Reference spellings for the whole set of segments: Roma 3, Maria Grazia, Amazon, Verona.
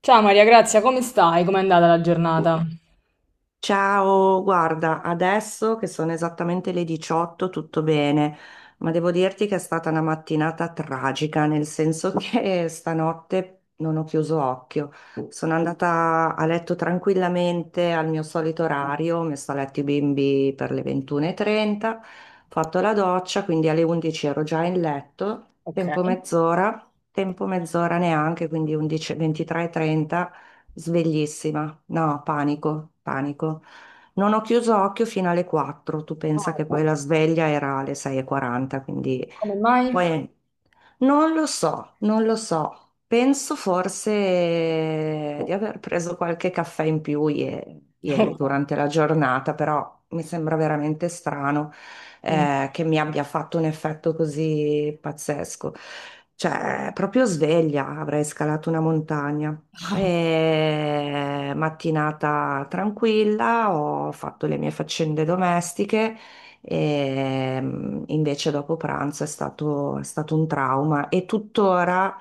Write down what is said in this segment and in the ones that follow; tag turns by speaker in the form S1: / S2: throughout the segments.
S1: Ciao Maria Grazia, come stai? Com'è andata la giornata?
S2: Ciao, guarda, adesso che sono esattamente le 18, tutto bene, ma devo dirti che è stata una mattinata tragica, nel senso che stanotte non ho chiuso occhio. Sono andata a letto tranquillamente al mio solito orario, ho messo a letto i bimbi per le 21.30, ho fatto la doccia, quindi alle 11 ero già in letto,
S1: Ok.
S2: tempo mezz'ora neanche, quindi 11, 23.30, sveglissima, no, panico, panico. Non ho chiuso occhio fino alle 4, tu pensa
S1: Ah,
S2: che poi la sveglia era alle 6.40, quindi
S1: come mai?
S2: poi non lo so, non lo so. Penso forse di aver preso qualche caffè in più ieri durante la giornata, però mi sembra veramente strano
S1: Mm.
S2: che mi abbia fatto un effetto così pazzesco. Cioè, proprio sveglia, avrei scalato una montagna. E mattinata tranquilla, ho fatto le mie faccende domestiche e invece dopo pranzo è stato un trauma e tuttora.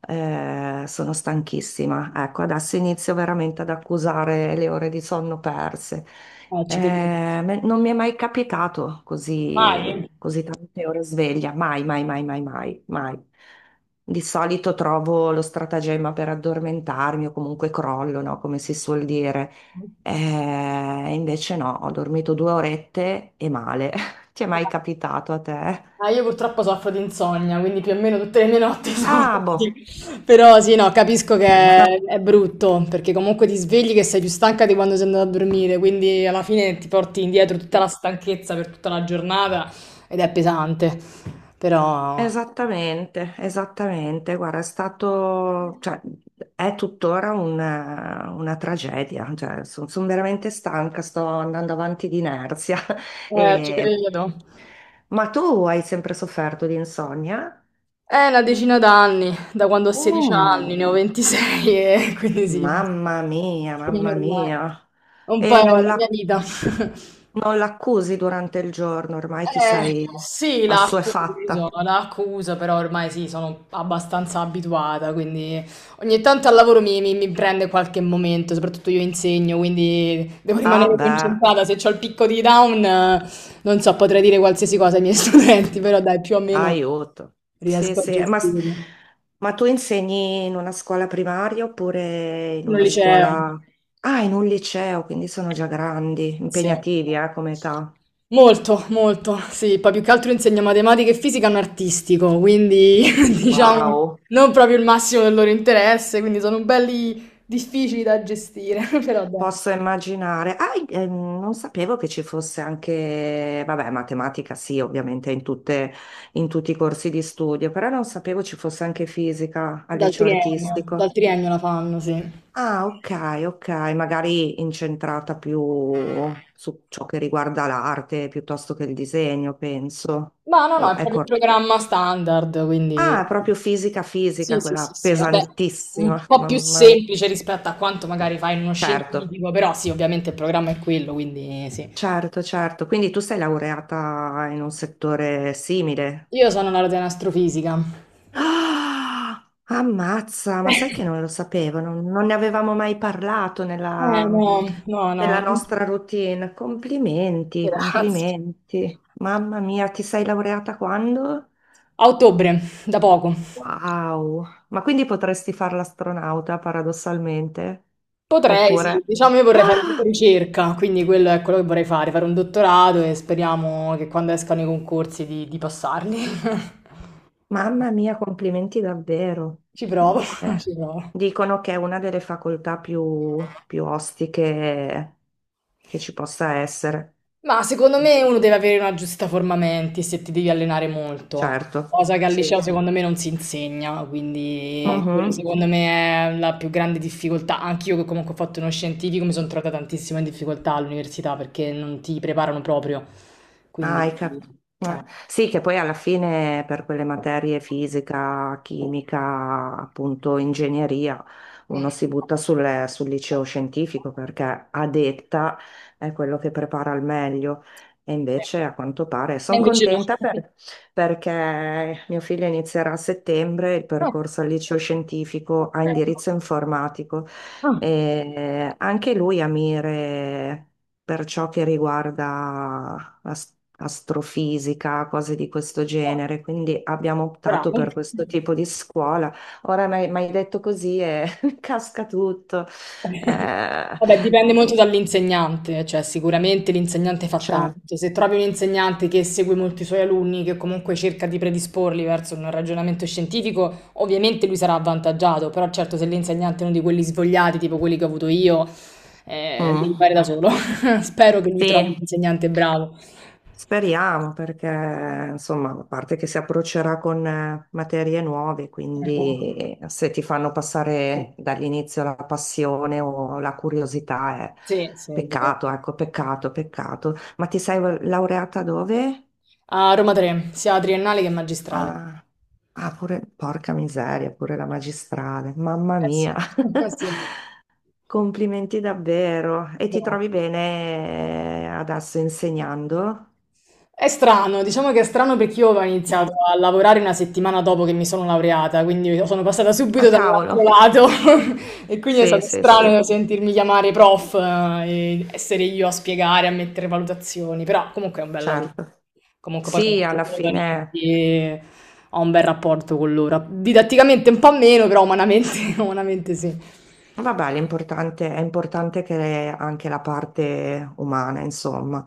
S2: Sono stanchissima. Ecco, adesso inizio veramente ad accusare le ore di sonno perse.
S1: Ah,
S2: Eh,
S1: ci credo.
S2: me- non mi è mai capitato così,
S1: Mai?
S2: così tante ore sveglia, mai, mai, mai, mai, mai, mai. Di solito trovo lo stratagemma per addormentarmi o comunque crollo, no? Come si suol dire. Invece no, ho dormito 2 orette e male. Ti è mai capitato a te?
S1: Ah, io purtroppo soffro di insonnia, quindi più o meno tutte le mie notti sono
S2: Ah, boh,
S1: così. Però sì, no, capisco che
S2: ma
S1: è brutto, perché comunque ti svegli che sei più stanca di quando sei andata a dormire, quindi alla fine ti porti indietro tutta la
S2: sì.
S1: stanchezza per tutta la giornata ed è pesante. Però...
S2: Esattamente, esattamente. Guarda, è stato, cioè, è tuttora una tragedia. Cioè, sono veramente stanca, sto andando avanti di inerzia.
S1: Ci
S2: E-
S1: credo.
S2: Ma tu hai sempre sofferto di insonnia?
S1: È una decina d'anni, da quando ho 16 anni,
S2: Mm,
S1: ne ho 26 e quindi sì,
S2: mamma mia,
S1: quindi
S2: mamma
S1: ormai
S2: mia.
S1: è un po' è
S2: E
S1: la mia vita.
S2: non l'accusi durante il giorno, ormai ti
S1: Eh,
S2: sei
S1: sì, l'accuso,
S2: assuefatta.
S1: l'accuso, però ormai sì, sono abbastanza abituata, quindi ogni tanto al lavoro mi prende qualche momento, soprattutto io insegno, quindi devo
S2: Ah,
S1: rimanere
S2: beh.
S1: concentrata, se ho il picco di down, non so, potrei dire qualsiasi cosa ai miei studenti, però dai, più o meno
S2: Aiuto. Sì,
S1: riesco a
S2: sì,
S1: gestirlo.
S2: ma tu insegni in una scuola primaria oppure in
S1: In un
S2: una
S1: liceo,
S2: scuola. Ah, in un liceo, quindi sono già grandi,
S1: sì.
S2: impegnativi, come età.
S1: Molto, molto, sì, poi più che altro insegna matematica e fisica a un artistico, quindi diciamo
S2: Wow.
S1: non proprio il massimo del loro interesse, quindi sono belli difficili da gestire, però dai.
S2: Posso immaginare. Ah, non sapevo che ci fosse anche, vabbè, matematica sì, ovviamente in tutti i corsi di studio, però non sapevo ci fosse anche fisica al
S1: Dal
S2: liceo
S1: triennio,
S2: artistico.
S1: dal triennio la fanno, sì.
S2: Ah, ok, ok, magari incentrata più su ciò che riguarda l'arte piuttosto che il disegno, penso.
S1: Ma no, no, è
S2: O- è
S1: proprio il
S2: cor-
S1: programma standard,
S2: Ah,
S1: quindi
S2: è proprio fisica,
S1: sì,
S2: fisica,
S1: sì,
S2: quella
S1: sì, sì, vabbè, un
S2: pesantissima,
S1: po' più
S2: mamma.
S1: semplice rispetto a quanto magari fai in uno
S2: Certo,
S1: scientifico, però sì, ovviamente il programma è quello, quindi sì.
S2: certo, certo. Quindi tu sei laureata in un settore simile?
S1: Io sono laureata in astrofisica.
S2: Ah, ammazza, ma sai che non lo sapevo, non ne avevamo mai parlato
S1: Eh
S2: nella,
S1: no, no, no,
S2: nella nostra routine. Complimenti,
S1: grazie.
S2: complimenti. Mamma mia, ti sei laureata quando?
S1: A ottobre, da poco.
S2: Wow, ma quindi potresti fare l'astronauta paradossalmente?
S1: Potrei, sì,
S2: Oppure.
S1: diciamo io vorrei fare
S2: Ah,
S1: tipo ricerca, quindi quello è quello che vorrei fare, fare un dottorato e speriamo che quando escano i concorsi di passarli.
S2: mamma mia, complimenti davvero.
S1: Ci provo,
S2: Eh,
S1: ci provo.
S2: dicono che è una delle facoltà più ostiche che ci possa essere.
S1: Ma secondo me uno deve avere una giusta forma mentis se ti devi allenare molto,
S2: Certo,
S1: cosa che al
S2: sì.
S1: liceo secondo me non si insegna,
S2: Ma.
S1: quindi quello
S2: Mhm.
S1: secondo me è la più grande difficoltà. Anch'io che comunque ho fatto uno scientifico mi sono trovata tantissimo in difficoltà all'università perché non ti preparano proprio,
S2: Ah,
S1: quindi...
S2: hai cap- eh.
S1: eh.
S2: Sì, che poi alla fine per quelle materie fisica, chimica, appunto ingegneria,
S1: Mm.
S2: uno si butta sul liceo scientifico perché a detta è quello che prepara al meglio. E
S1: Sì.
S2: invece a quanto pare
S1: E
S2: sono
S1: invece no.
S2: contenta perché mio figlio inizierà a settembre il
S1: No.
S2: percorso al liceo scientifico
S1: Ok.
S2: a indirizzo informatico
S1: Ah,
S2: e anche lui ha mire per ciò che riguarda astrofisica, cose di questo genere, quindi abbiamo optato
S1: bravo.
S2: per questo tipo di scuola. Ora mi hai detto così e casca tutto. Eh,
S1: Vabbè, dipende molto dall'insegnante, cioè sicuramente l'insegnante fa
S2: cioè,
S1: tanto. Se trovi un insegnante che segue molti suoi alunni, che comunque cerca di predisporli verso un ragionamento scientifico, ovviamente lui sarà avvantaggiato, però certo se l'insegnante è uno di quelli svogliati, tipo quelli che ho avuto io, devi
S2: mm,
S1: fare da solo. Spero che lui trovi un
S2: sì.
S1: insegnante bravo.
S2: Speriamo perché, insomma, a parte che si approccerà con materie nuove,
S1: Ecco.
S2: quindi se ti fanno passare dall'inizio la passione o la curiosità è
S1: Sì, sì, è vero.
S2: peccato, ecco, peccato, peccato. Ma ti sei laureata dove?
S1: A Roma 3, sia triennale che magistrale.
S2: Ah, ah, pure, porca miseria, pure la magistrale, mamma
S1: Eh sì,
S2: mia.
S1: sì.
S2: Complimenti davvero. E ti
S1: Vero.
S2: trovi bene adesso insegnando?
S1: È strano, diciamo che è strano perché io ho iniziato
S2: Mm.
S1: a lavorare una settimana dopo che mi sono laureata, quindi sono passata subito
S2: Ah,
S1: dall'altro
S2: cavolo.
S1: lato e quindi è
S2: Sì,
S1: stato
S2: sì, sì.
S1: strano sentirmi chiamare prof e essere io a spiegare, a mettere valutazioni, però comunque è un bel lavoro.
S2: Certo.
S1: Comunque poi
S2: Sì,
S1: sono
S2: alla
S1: giovani,
S2: fine.
S1: quindi ho un bel rapporto con loro. Didatticamente un po' meno, però umanamente, umanamente sì.
S2: Vabbè, l'importante è importante che anche la parte umana, insomma,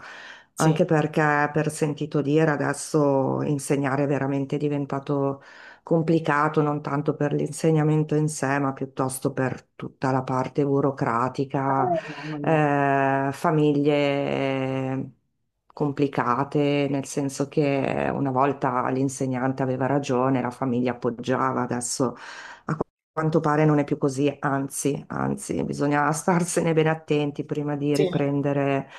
S1: Sì.
S2: anche perché per sentito dire adesso insegnare è veramente diventato complicato, non tanto per l'insegnamento in sé, ma piuttosto per tutta la parte burocratica,
S1: Mamma mia.
S2: famiglie complicate, nel senso che una volta l'insegnante aveva ragione, la famiglia appoggiava, adesso quanto pare non è più così, anzi, anzi, bisogna starsene bene attenti prima di
S1: Sì, è
S2: riprendere.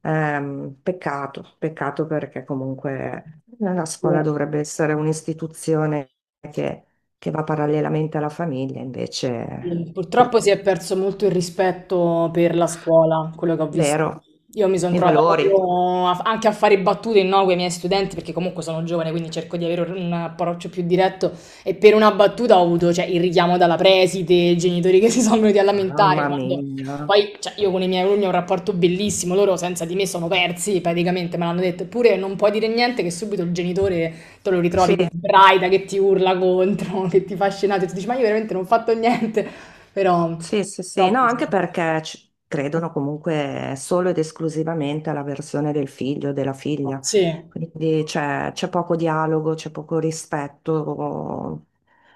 S2: Peccato perché comunque la scuola
S1: vero.
S2: dovrebbe essere un'istituzione che, che va parallelamente alla famiglia, invece,
S1: Sì,
S2: pur-
S1: purtroppo si è perso molto il rispetto per la scuola, quello che ho visto.
S2: vero,
S1: Io mi sono
S2: i
S1: trovata
S2: valori,
S1: proprio anche a fare battute no, con i miei studenti, perché comunque sono giovane, quindi cerco di avere un approccio più diretto. E per una battuta ho avuto, cioè, il richiamo dalla preside, i genitori che si sono venuti a lamentare.
S2: mamma
S1: Quando...
S2: mia,
S1: Poi, cioè, io con i miei alunni ho un rapporto bellissimo, loro senza di me sono persi praticamente, me l'hanno detto. Eppure non puoi dire niente che subito il genitore te lo ritrovi
S2: sì.
S1: che sbraita, che ti urla contro, che ti fa scenate, e tu dici, ma io veramente non ho fatto niente. Però
S2: Sì, sì, sì,
S1: però
S2: no,
S1: così.
S2: anche perché ci credono comunque solo ed esclusivamente alla versione del figlio o della figlia,
S1: Sì, è
S2: quindi c'è poco dialogo, c'è poco rispetto,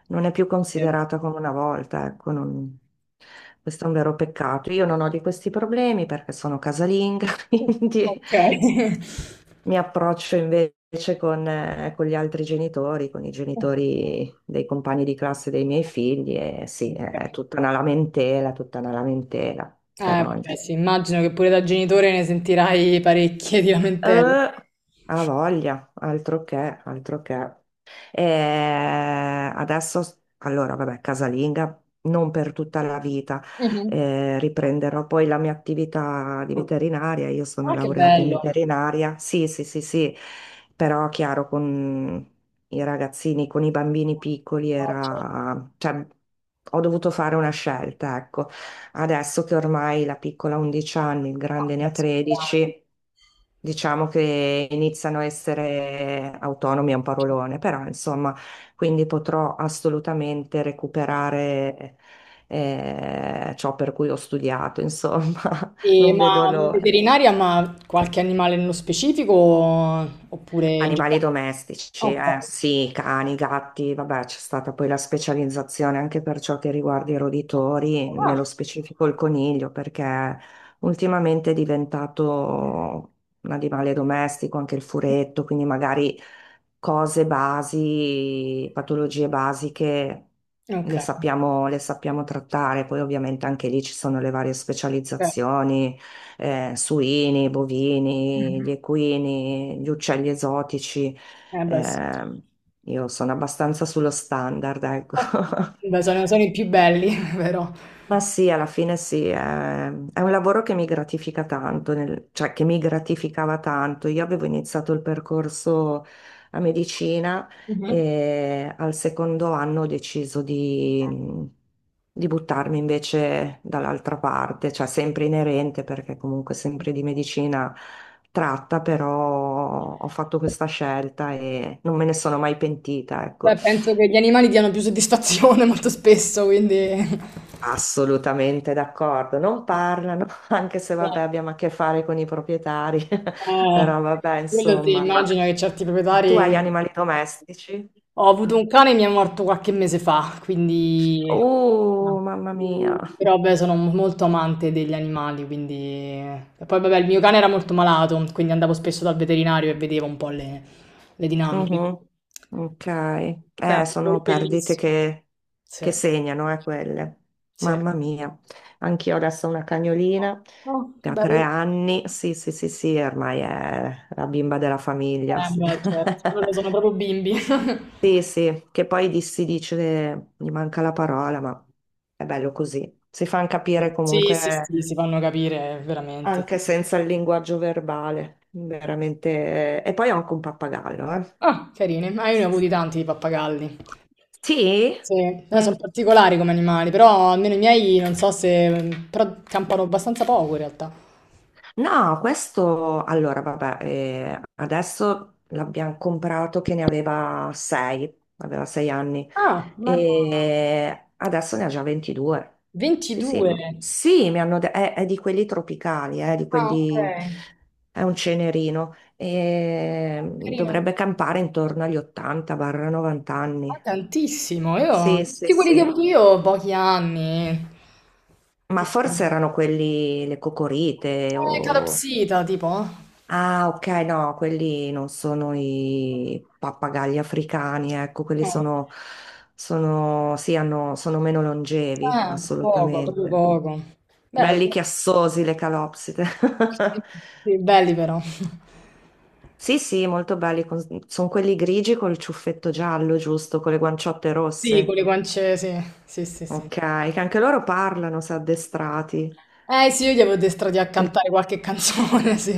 S2: non è più
S1: vero.
S2: considerata come una volta, ecco, questo è un vero peccato. Io non ho di questi problemi perché sono casalinga,
S1: Mh,
S2: quindi
S1: okay.
S2: mi approccio invece con gli altri genitori, con i genitori dei compagni di classe dei miei figli e sì, è
S1: Okay.
S2: tutta una lamentela, però
S1: Vabbè sì, immagino che pure da genitore ne sentirai parecchie di lamentele.
S2: ha voglia, altro che, altro che. E adesso, allora, vabbè, casalinga. Non per tutta la vita,
S1: Mh-mh.
S2: Riprenderò poi la mia attività di veterinaria. Io sono
S1: Ah, che
S2: laureata in
S1: bello.
S2: veterinaria. Sì, sì, sì, sì, però chiaro, con i ragazzini, con i bambini piccoli
S1: No, certo.
S2: era, cioè, ho dovuto fare una scelta, ecco. Adesso che ormai la piccola ha 11 anni, il
S1: Ah,
S2: grande ne
S1: beh,
S2: ha
S1: sono grandi.
S2: 13. Diciamo che iniziano a essere autonomi, è un
S1: Cer...
S2: parolone, però insomma, quindi potrò assolutamente recuperare ciò per cui ho studiato, insomma,
S1: E
S2: non
S1: ma
S2: vedo l'ora.
S1: veterinaria, ma qualche animale nello specifico oppure in
S2: Animali
S1: generale?
S2: domestici,
S1: Okay.
S2: sì, cani, gatti, vabbè, c'è stata poi la specializzazione anche per ciò che riguarda i roditori, nello
S1: Ah.
S2: specifico il coniglio, perché ultimamente è diventato un animale domestico, anche il furetto, quindi magari cose basi, patologie basiche le
S1: Okay,
S2: sappiamo, le sappiamo trattare, poi ovviamente anche lì ci sono le varie
S1: cer...
S2: specializzazioni suini, bovini,
S1: Mh-mh.
S2: gli equini, gli uccelli esotici.
S1: Eh beh sì.
S2: Eh, io sono abbastanza sullo standard, ecco.
S1: Okay. Beh, sono sono i più belli però.
S2: Ma sì, alla fine sì, è un lavoro che mi gratifica tanto, cioè che mi gratificava tanto. Io avevo iniziato il percorso a medicina
S1: Mh-mh.
S2: e al secondo anno ho deciso di buttarmi invece dall'altra parte, cioè sempre inerente perché comunque sempre di medicina tratta, però ho fatto questa scelta e non me ne sono mai pentita, ecco.
S1: Beh penso che gli animali diano più soddisfazione molto spesso, quindi
S2: Assolutamente d'accordo, non parlano, anche se vabbè
S1: esatto.
S2: abbiamo a che fare con i proprietari,
S1: Eh,
S2: però vabbè
S1: quello ti
S2: insomma,
S1: immagino che certi
S2: tu
S1: proprietari...
S2: hai animali domestici?
S1: Ho avuto un cane, mi è morto qualche mese fa, quindi...
S2: Mamma mia.
S1: Però beh, sono molto amante degli animali, quindi... E poi vabbè, il mio cane era molto malato, quindi andavo spesso dal veterinario e vedevo un po' le dinamiche.
S2: Mhm. Ok,
S1: Beh, è un lavoro
S2: sono perdite
S1: bellissimo.
S2: che,
S1: Sì,
S2: che segnano, quelle,
S1: sì.
S2: mamma mia, anch'io adesso ho una cagnolina
S1: Oh,
S2: che
S1: che
S2: ha tre
S1: bello.
S2: anni, sì sì sì sì, ormai è la bimba della famiglia.
S1: Beh, certo, loro sono proprio bimbi.
S2: Sì, sì, che poi si dice, gli manca la parola, ma è bello così. Si fanno capire
S1: Sì,
S2: comunque
S1: sì, sì, si fanno capire veramente.
S2: anche
S1: Sì.
S2: senza il linguaggio verbale, veramente. E poi ho anche un pappagallo, eh.
S1: Ah, carini, ma io ne ho avuti tanti di pappagalli.
S2: Sì?
S1: Sì, sono
S2: Eh.
S1: particolari come animali, però almeno i miei non so se... mm, però campano abbastanza poco in realtà.
S2: No, questo allora, vabbè, adesso l'abbiamo comprato che ne aveva 6, aveva 6 anni
S1: Ah, ma...
S2: e adesso ne ha già 22. Sì,
S1: 22?
S2: sì, sì, mi hanno detto, è di quelli tropicali, di
S1: Ah, ok.
S2: quelli, è un cenerino e
S1: Ah, carino.
S2: dovrebbe campare intorno agli 80-90
S1: Ma
S2: anni.
S1: tantissimo, io...
S2: Sì, sì,
S1: Tutti quelli che ho
S2: sì,
S1: avuto io, ho pochi anni.
S2: ma
S1: Tipo...
S2: forse erano quelli, le cocorite o.
S1: Calopsita, tipo.
S2: Ah, ok, no, quelli non sono i pappagalli africani, ecco, quelli
S1: Eh.
S2: sì, hanno, sono meno longevi,
S1: Ah, poco, proprio
S2: assolutamente.
S1: poco. Beh,
S2: Belli chiassosi le calopsite.
S1: sì, sì, belli però.
S2: Sì, sì, molto belli, sono quelli grigi col ciuffetto giallo, giusto, con le guanciotte
S1: Sì, con
S2: rosse.
S1: le guance, sì, sì, sì,
S2: Ok,
S1: sì.
S2: che anche loro parlano, se addestrati.
S1: Eh sì, io gli avevo addestrati a
S2: Il-
S1: cantare qualche canzone, sì.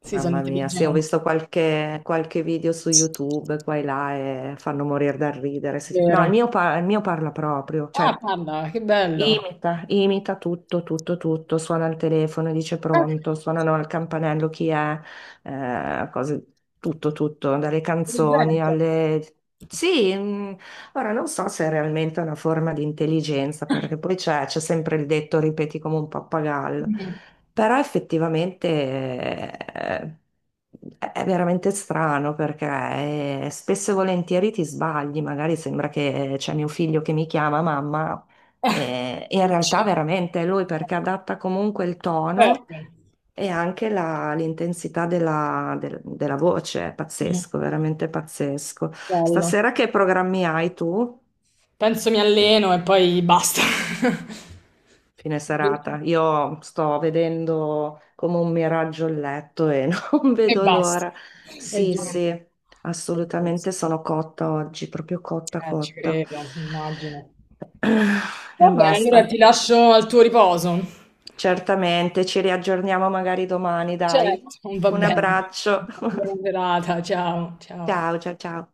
S1: Sì, sono
S2: Mamma mia, sì, ho
S1: intelligenti,
S2: visto qualche video su YouTube qua e là e fanno morire dal ridere. Sì. No,
S1: vero.
S2: il mio parla proprio,
S1: Ah,
S2: cioè
S1: parla, che bello.
S2: imita, imita tutto, tutto, tutto, suona il telefono, dice
S1: Ah,
S2: pronto, suonano al campanello chi è, cose, tutto, tutto, dalle canzoni
S1: presente.
S2: alle. Sì, ora non so se è realmente una forma di intelligenza, perché poi c'è sempre il detto ripeti come un pappagallo,
S1: Mm,
S2: però effettivamente è veramente strano perché spesso e volentieri ti sbagli, magari sembra che c'è mio figlio che mi chiama mamma e in
S1: sì.
S2: realtà veramente è lui perché adatta comunque il tono
S1: Certo.
S2: e anche l'intensità della voce, è pazzesco, veramente pazzesco.
S1: Bello.
S2: Stasera che programmi hai tu?
S1: Penso mi alleno e poi basta.
S2: Fine serata. Io sto vedendo come un miraggio il letto e non
S1: E
S2: vedo
S1: basta.
S2: l'ora.
S1: E
S2: Sì,
S1: giuro.
S2: sì,
S1: E
S2: assolutamente
S1: basta.
S2: sono cotta oggi, proprio cotta,
S1: Ci
S2: cotta.
S1: credo, immagino.
S2: E
S1: Va bene, allora
S2: basta.
S1: ti lascio al tuo riposo.
S2: Certamente, ci riaggiorniamo magari domani, dai.
S1: Certo, va
S2: Un
S1: bene.
S2: abbraccio.
S1: Buona serata, ciao, ciao.
S2: Ciao, ciao, ciao.